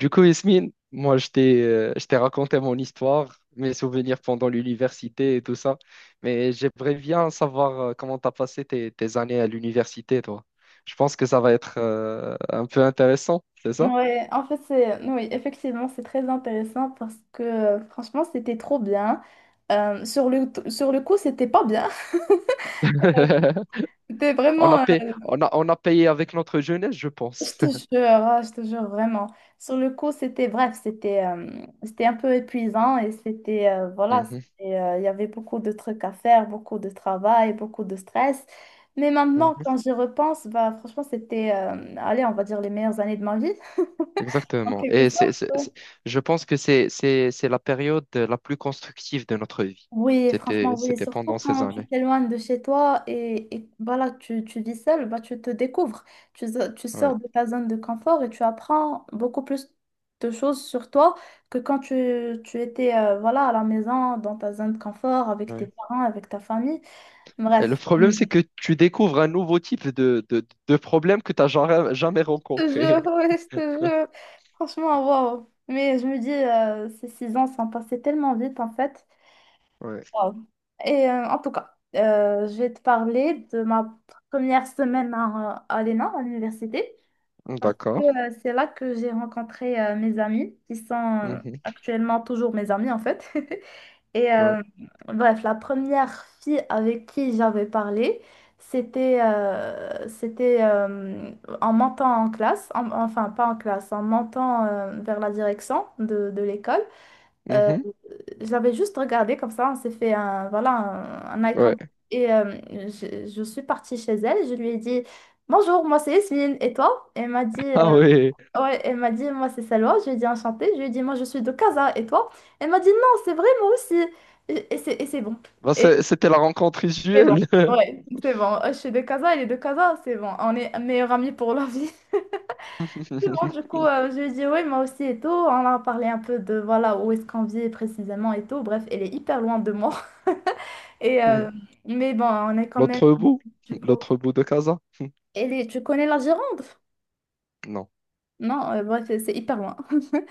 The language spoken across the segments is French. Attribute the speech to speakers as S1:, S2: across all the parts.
S1: Du coup, Yasmine, moi, je t'ai raconté mon histoire, mes souvenirs pendant l'université et tout ça, mais j'aimerais bien savoir comment t'as passé tes années à l'université, toi. Je pense que ça va être un peu intéressant, c'est ça?
S2: Ouais, en fait, oui, effectivement, c'est très intéressant parce que franchement, c'était trop bien. Sur le sur le, coup, c'était pas bien. C'était
S1: On
S2: vraiment,
S1: a payé, on a payé avec notre jeunesse, je
S2: je
S1: pense.
S2: te jure, ah, je te jure vraiment. Sur le coup, bref, c'était un peu épuisant et c'était, euh, voilà,
S1: Mhm,
S2: c'était, euh, il y avait beaucoup de trucs à faire, beaucoup de travail, beaucoup de stress. Mais maintenant,
S1: mhm.
S2: quand j'y repense, bah, franchement, allez, on va dire les meilleures années de ma vie, en
S1: Exactement.
S2: quelque
S1: Et
S2: sorte. Ouais.
S1: je pense que c'est la période la plus constructive de notre vie.
S2: Oui, franchement, oui.
S1: C'était
S2: Surtout
S1: pendant ces
S2: quand tu
S1: années.
S2: t'éloignes de chez toi et voilà, tu vis seul, bah, tu te découvres. Tu
S1: Ouais.
S2: sors de ta zone de confort et tu apprends beaucoup plus de choses sur toi que quand tu étais voilà, à la maison, dans ta zone de confort, avec tes
S1: Ouais.
S2: parents, avec ta famille.
S1: Et le
S2: Bref,
S1: problème,
S2: hum,
S1: c'est que tu découvres un nouveau type de problème que tu n'as jamais, jamais
S2: je te
S1: rencontré.
S2: jure, ouais, je te jure. Franchement, waouh. Mais je me dis, ces 6 ans sont passés tellement vite en fait.
S1: Ouais.
S2: Wow. Et en tout cas, je vais te parler de ma première semaine à l'ENA, à l'université, parce que
S1: D'accord.
S2: c'est là que j'ai rencontré mes amis, qui sont
S1: Mhm.
S2: actuellement toujours mes amis en fait. Et
S1: Ouais.
S2: euh, bref, la première fille avec qui j'avais parlé, c'était, en montant en classe, enfin pas en classe, en montant vers la direction de l'école. Euh,
S1: Mhm.
S2: j'avais juste regardé comme ça, on s'est fait voilà, un eye
S1: Ouais.
S2: contact. Je suis partie chez elle, je lui ai dit : « Bonjour, moi c'est Yasmine, et toi ? » Elle m'a dit,
S1: Ah oui.
S2: ouais, elle m'a dit : « Moi c'est Salwa », je lui ai dit : « Enchantée », je lui ai dit : « Moi je suis de Casa, et toi ? » Elle m'a dit : « Non, c'est vrai, moi aussi. » Et c'est bon.
S1: Bah,
S2: Et
S1: c'était la rencontre
S2: c'est bon,
S1: visuelle.
S2: ouais, c'est bon. Je suis de Casa, elle est de Casa, c'est bon. On est meilleurs amis pour la vie. Bon, du coup, je lui ai dit oui, moi aussi et tout. On a parlé un peu de voilà où est-ce qu'on vit précisément et tout. Bref, elle est hyper loin de moi. Et, euh, mais bon, on est quand même,
S1: L'autre bout.
S2: du coup.
S1: L'autre bout de Casa.
S2: Elle est, tu connais la Gironde?
S1: Non.
S2: Non, c'est hyper loin.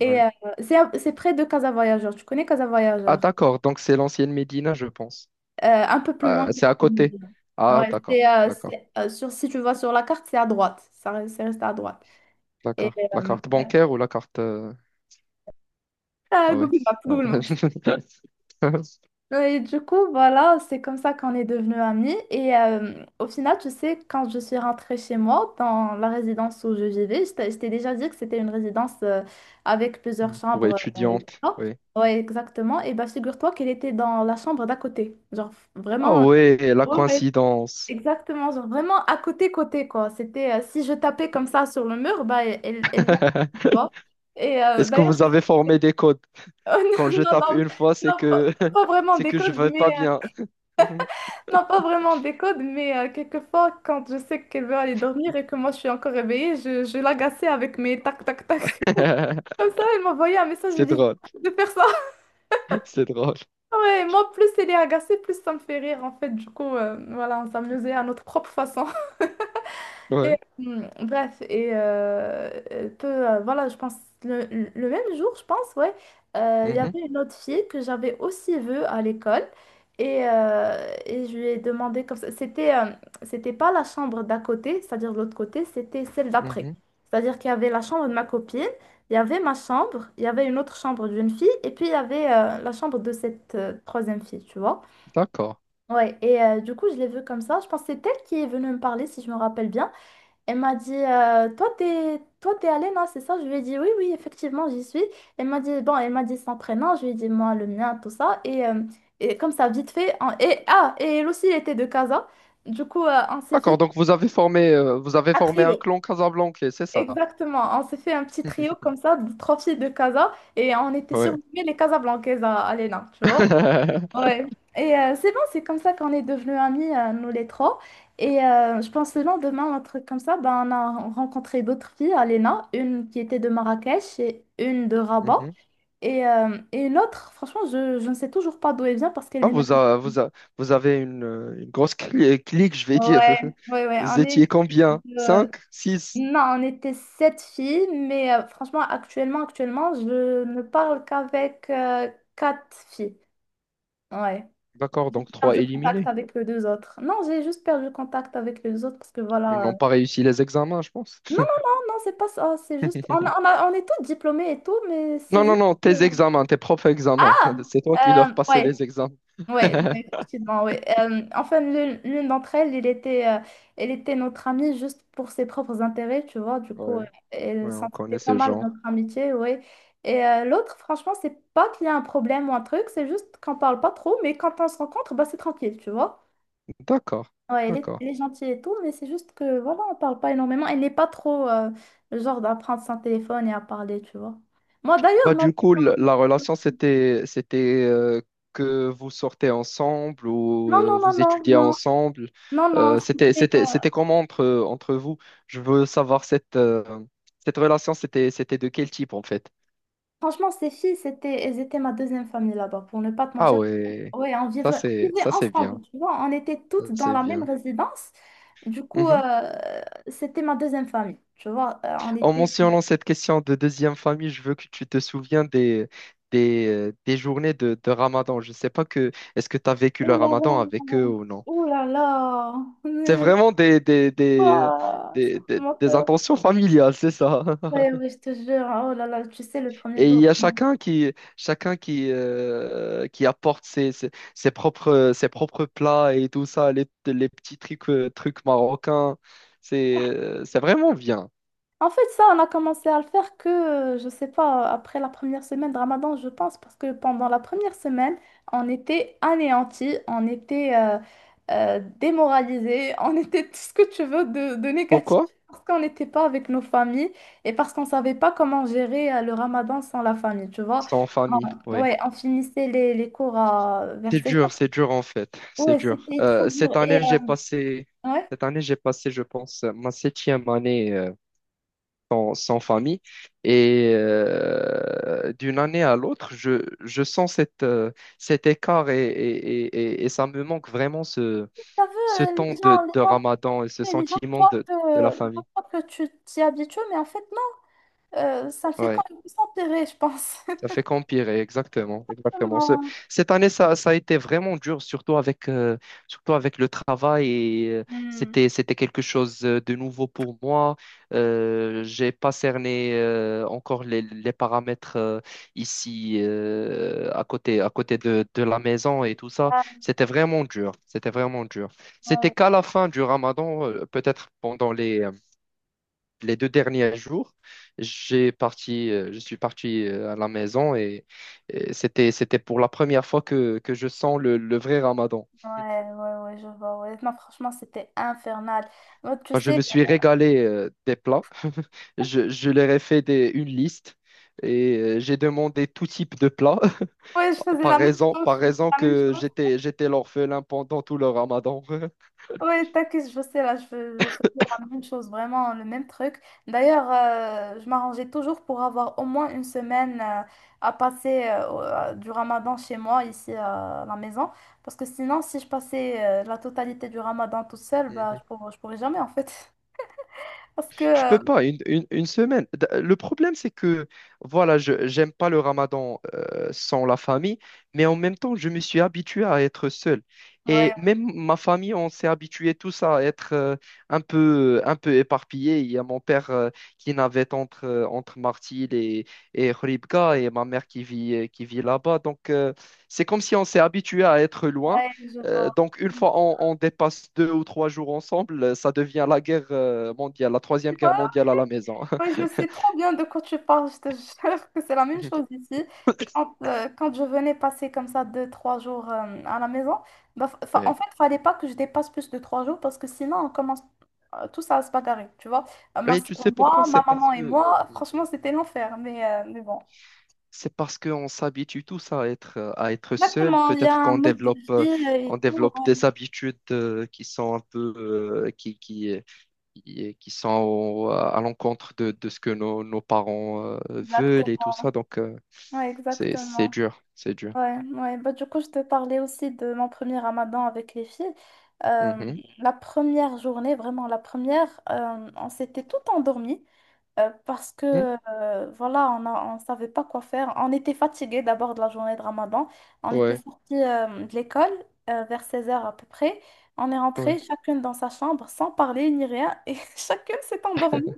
S2: Et
S1: Ouais.
S2: euh, c'est près de Casa Voyageur. Tu connais Casa
S1: Ah
S2: Voyageur?
S1: d'accord. Donc c'est l'ancienne Médina, je pense.
S2: Un peu plus
S1: Ah,
S2: loin que
S1: c'est à côté.
S2: Casablanca.
S1: Ah
S2: Ouais,
S1: d'accord. D'accord.
S2: sur, si tu vas sur la carte, c'est à droite. Ça, c'est resté à droite. Et
S1: D'accord. La
S2: euh,
S1: carte bancaire ou la carte.
S2: ah,
S1: Ah oui.
S2: Google Maps, Google Maps. Ouais. Et du coup, voilà, c'est comme ça qu'on est devenus amis. Et au final, tu sais, quand je suis rentrée chez moi, dans la résidence où je vivais, je t'ai déjà dit que c'était une résidence avec plusieurs
S1: Pour
S2: chambres, et tout
S1: étudiante.
S2: ça.
S1: Oui.
S2: Ouais, exactement. Et bah, figure-toi qu'elle était dans la chambre d'à côté. Genre,
S1: Ah
S2: vraiment.
S1: ouais, la
S2: Ouais, ouais,
S1: coïncidence.
S2: exactement, genre vraiment à côté côté quoi. C'était si je tapais comme ça sur le mur, bah elle tu vois. Et
S1: Est-ce que
S2: d'ailleurs
S1: vous
S2: je...
S1: avez formé des codes?
S2: Oh,
S1: Quand
S2: non
S1: je
S2: non
S1: tape
S2: non,
S1: une fois, c'est
S2: non,
S1: que
S2: pas vraiment
S1: c'est
S2: des
S1: que je
S2: codes
S1: vais
S2: mais
S1: pas
S2: euh,,
S1: bien.
S2: non, pas vraiment des codes, mais quelquefois, quand je sais qu'elle veut aller dormir et que moi je suis encore réveillée, je l'agaçais avec mes tac tac tac. Comme ça, elle m'envoyait un message, je lui
S1: C'est
S2: disais : «
S1: drôle,
S2: Arrête de faire ça. »
S1: c'est drôle.
S2: Ouais, moi, plus elle est agacée, plus ça me fait rire en fait. Du coup, voilà, on s'amusait à notre propre façon. Et,
S1: Ouais.
S2: hum, bref, et euh, euh, peu, euh, voilà, je pense, le, le même jour, je pense, ouais, il y
S1: Mhm,
S2: avait une autre fille que j'avais aussi vue à l'école. Et je lui ai demandé comme ça. C'était pas la chambre d'à côté, c'est-à-dire de l'autre côté, c'était celle d'après.
S1: mhm.
S2: C'est-à-dire qu'il y avait la chambre de ma copine, il y avait ma chambre, il y avait une autre chambre d'une fille, et puis il y avait la chambre de cette troisième fille, tu vois.
S1: D'accord.
S2: Ouais, et du coup, je l'ai vue comme ça. Je pense que c'est elle qui est venue me parler, si je me rappelle bien. Elle m'a dit, toi, t'es allée, non, c'est ça? Je lui ai dit, oui, oui, effectivement, j'y suis. Elle m'a dit, bon, elle m'a dit son prénom, je lui ai dit, moi, le mien, tout ça. Et, comme ça, vite fait, et elle aussi, elle était de Casa. Du coup, on s'est
S1: D'accord.
S2: fait
S1: Donc vous avez
S2: un
S1: formé un
S2: trio.
S1: clan casablancais, c'est ça?
S2: Exactement, on s'est fait un petit trio comme ça, de trois filles de Casa. Et on était
S1: Ouais.
S2: surnommées les Casablancaises à l'ENA, tu vois. Ouais. Et c'est bon, c'est comme ça qu'on est devenus amis, nous les trois. Et je pense le lendemain, un truc comme ça, ben, on a rencontré d'autres filles à l'ENA, une qui était de Marrakech et une de Rabat.
S1: Mhm.
S2: Et l'autre, franchement, je ne sais toujours pas d'où elle vient parce qu'elle
S1: Ah,
S2: est maintenant.
S1: vous avez une grosse clique, je vais dire.
S2: Ouais, ouais, ouais,
S1: Vous
S2: on est...
S1: étiez combien?
S2: euh,
S1: Cinq six.
S2: Non, on était sept filles, mais franchement, actuellement, je ne parle qu'avec quatre filles. Ouais.
S1: D'accord,
S2: J'ai
S1: donc trois
S2: perdu contact
S1: éliminés.
S2: avec les deux autres. Non, j'ai juste perdu contact avec les autres parce que
S1: Ils
S2: voilà.
S1: n'ont pas réussi les examens, je pense.
S2: Non, non, c'est pas ça. C'est juste. On est tous diplômés et tout, mais c'est
S1: Non, non,
S2: juste.
S1: non, tes
S2: euh,
S1: examens, tes propres examens.
S2: Ah,
S1: C'est toi qui leur passais
S2: ouais,
S1: les examens.
S2: ouais, effectivement, ouais. Enfin, l'une d'entre elles, elle était notre amie juste pour ses propres intérêts, tu vois. Du coup,
S1: Ouais,
S2: elle
S1: ouais,
S2: s'en
S1: on
S2: foutait
S1: connaît
S2: pas
S1: ce
S2: mal de
S1: genre.
S2: notre amitié, ouais. Et l'autre, franchement, c'est pas qu'il y a un problème ou un truc, c'est juste qu'on parle pas trop, mais quand on se rencontre, bah, c'est tranquille, tu vois.
S1: D'accord,
S2: Ouais,
S1: d'accord.
S2: elle est gentille et tout, mais c'est juste que, voilà, on parle pas énormément. Elle n'est pas trop le genre à prendre son téléphone et à parler, tu vois. Moi, d'ailleurs,
S1: Bah, du coup, la relation, c'était, c'était que vous sortez ensemble ou
S2: non, non, non,
S1: vous
S2: non,
S1: étudiez
S2: non,
S1: ensemble.
S2: non. c'était- euh,
S1: C'était comment entre vous? Je veux savoir cette relation, c'était de quel type en fait?
S2: Franchement, ces filles, c'était, elles étaient ma deuxième famille là-bas, pour ne pas te
S1: Ah
S2: mentir.
S1: ouais,
S2: Ouais, on vivait
S1: ça c'est
S2: ensemble,
S1: bien.
S2: tu vois. On était
S1: Ça,
S2: toutes dans
S1: c'est
S2: la même
S1: bien.
S2: résidence. Du coup,
S1: Mhm.
S2: c'était ma deuxième famille, tu vois. On
S1: En
S2: était...
S1: mentionnant cette question de deuxième famille, je veux que tu te souviens des journées de Ramadan. Je ne sais pas que est-ce que tu as vécu
S2: Oh
S1: le
S2: là
S1: Ramadan avec
S2: là,
S1: eux ou non.
S2: oh là là.
S1: C'est vraiment
S2: Ah, ce que tu m'as fait
S1: des intentions familiales, c'est ça.
S2: ouais, oui, je te jure. Oh là là, tu sais, le premier
S1: Et il
S2: jour.
S1: y a
S2: Vraiment.
S1: chacun qui apporte ses propres plats et tout ça, les petits trucs marocains. C'est vraiment bien.
S2: En fait, ça, on a commencé à le faire que, je sais pas, après la première semaine de Ramadan, je pense, parce que pendant la première semaine, on était anéantis, on était démoralisés, on était tout ce que tu veux de négatif,
S1: Pourquoi?
S2: parce qu'on n'était pas avec nos familles et parce qu'on savait pas comment gérer le Ramadan sans la famille, tu vois.
S1: C'est en famille, oui.
S2: Ouais, on finissait les cours à, vers seize heures
S1: C'est dur en fait, c'est
S2: Ouais,
S1: dur.
S2: c'était trop dur.
S1: Cette
S2: Et,
S1: année, j'ai passé,
S2: ouais.
S1: je pense, ma septième année sans famille. Et d'une année à l'autre, je sens cet écart et ça me manque vraiment
S2: T'as
S1: ce
S2: vu,
S1: temps
S2: les gens, les
S1: de
S2: gens.
S1: Ramadan et ce
S2: Et les gens
S1: sentiment
S2: croient que,
S1: de la
S2: les gens
S1: famille.
S2: croient que tu t'y habitues, mais en fait, non, ça fait quand
S1: Ouais.
S2: même s'empirer, je pense.
S1: Ça fait qu'empirer, exactement, exactement.
S2: Vraiment.
S1: Cette année, ça a été vraiment dur, surtout surtout avec le travail. Et
S2: Hmm.
S1: c'était quelque chose de nouveau pour moi. J'ai pas cerné encore les paramètres ici, à côté de la maison et tout ça.
S2: Ah,
S1: C'était vraiment dur. C'était vraiment dur. C'était qu'à la fin du Ramadan, peut-être pendant les 2 derniers jours, je suis parti à la maison et c'était pour la première fois que je sens le vrai Ramadan.
S2: ouais, ouais, ouais, ouais, je vois. Ouais. Non, franchement, c'était infernal. Moi, tu
S1: Enfin, je
S2: sais,
S1: me suis régalé des plats. Je leur ai fait une liste et j'ai demandé tout type de plats
S2: ouais, je faisais la même
S1: par
S2: chose. Je faisais
S1: raison
S2: la même
S1: que
S2: chose.
S1: j'étais l'orphelin pendant tout le Ramadan.
S2: Oui, t'inquiète, je sais, là, je faisais la même chose, vraiment le même truc. D'ailleurs, je m'arrangeais toujours pour avoir au moins une semaine à passer du Ramadan chez moi, ici à la maison. Parce que sinon, si je passais la totalité du Ramadan toute seule, bah, je pourrais jamais, en fait. Parce que,
S1: Je peux pas, une semaine. Le problème, c'est que, voilà, je j'aime pas le ramadan sans la famille, mais en même temps, je me suis habitué à être seul.
S2: ouais,
S1: Et même ma famille, on s'est habitué tous à être un peu éparpillés. Il y a mon père qui navette entre Martil et Khouribga, et ma mère qui vit là-bas. Donc, c'est comme si on s'est habitué à être loin.
S2: ouais, je vois.
S1: Donc, une fois on dépasse 2 ou 3 jours ensemble, ça devient la guerre mondiale, la troisième guerre mondiale à la maison.
S2: Oui, je sais trop bien de quoi tu parles. Je te jure que c'est la même chose ici. Quand, quand je venais passer comme ça deux, trois jours à la maison, bah, en
S1: Ouais.
S2: fait, il fallait pas que je dépasse plus de 3 jours parce que sinon, on commence tous à se bagarrer, tu vois. Ma
S1: Et tu
S2: soeur
S1: sais
S2: et
S1: pourquoi?
S2: moi, ma maman et moi, franchement, c'était l'enfer, mais bon.
S1: C'est parce qu'on s'habitue tous à être seul.
S2: Exactement, il y a
S1: Peut-être
S2: un
S1: qu'on
S2: mode de
S1: développe
S2: vie et
S1: on
S2: tout.
S1: développe
S2: Ouais,
S1: des habitudes qui sont un peu euh, qui, qui qui sont à l'encontre de ce que nos parents veulent et tout ça.
S2: exactement.
S1: Donc
S2: Ouais,
S1: c'est
S2: exactement.
S1: dur, c'est dur.
S2: Ouais, ouais. Bah, du coup, je te parlais aussi de mon premier ramadan avec les filles. Euh,
S1: Mhm.
S2: la première journée, vraiment la première, on s'était tout endormi parce
S1: Mhm.
S2: que voilà, on savait pas quoi faire. On était fatigués d'abord de la journée de ramadan. On était
S1: Ouais,
S2: sortis de l'école vers seize heures à peu près. On est rentrés
S1: ouais.
S2: chacune dans sa chambre sans parler ni rien et chacune s'est endormie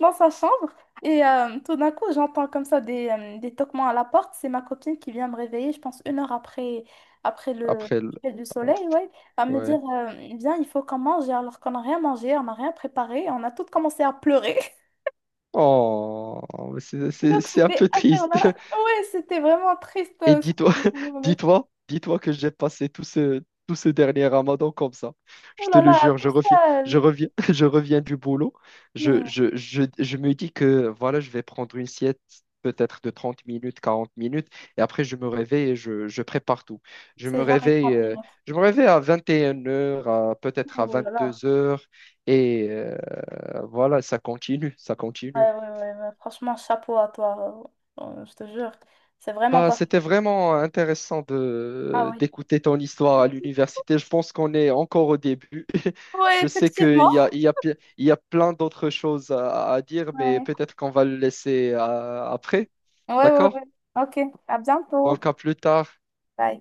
S2: dans sa chambre. Et tout d'un coup, j'entends comme ça des toquements à la porte. C'est ma copine qui vient me réveiller, je pense, une heure après, après le
S1: Après,
S2: coucher du
S1: hop,
S2: soleil, ouais, à me
S1: ouais.
S2: dire, viens, il faut qu'on mange, alors qu'on n'a rien mangé, on n'a rien préparé, on a toutes commencé à pleurer.
S1: Oh, mais
S2: Donc,
S1: c'est un
S2: c'était
S1: peu triste.
S2: infernal. Ouais, c'était vraiment triste,
S1: Et dis-toi,
S2: cette journée.
S1: dis-toi, dis-toi que j'ai passé tout ce dernier Ramadan comme ça.
S2: Oh
S1: Je te
S2: là
S1: le
S2: là,
S1: jure,
S2: tout ça,
S1: je reviens, je reviens du boulot.
S2: hmm,
S1: Je me dis que voilà, je vais prendre une sieste peut-être de 30 minutes, 40 minutes, et après je me réveille et je prépare tout. Je me
S2: c'est jamais
S1: réveille,
S2: 30
S1: euh,
S2: minutes.
S1: je me réveille à 21 heures, peut-être à
S2: Oh là là.
S1: 22 heures et euh, Voilà, ça continue, ça
S2: Ouais,
S1: continue.
S2: ouais, ouais, ouais. Franchement, chapeau à toi. Je te jure, c'est vraiment
S1: Bah,
S2: pas...
S1: c'était vraiment intéressant
S2: Ah
S1: de
S2: oui.
S1: d'écouter ton histoire à l'université. Je pense qu'on est encore au début.
S2: Oui,
S1: Je sais qu'il
S2: effectivement.
S1: y a, il y a, pi- il y a plein d'autres choses à dire, mais
S2: Ouais,
S1: peut-être qu'on va le laisser après.
S2: ouais, ouais.
S1: D'accord?
S2: Ouais. Ok, à bientôt.
S1: Donc, à plus tard.
S2: Bye.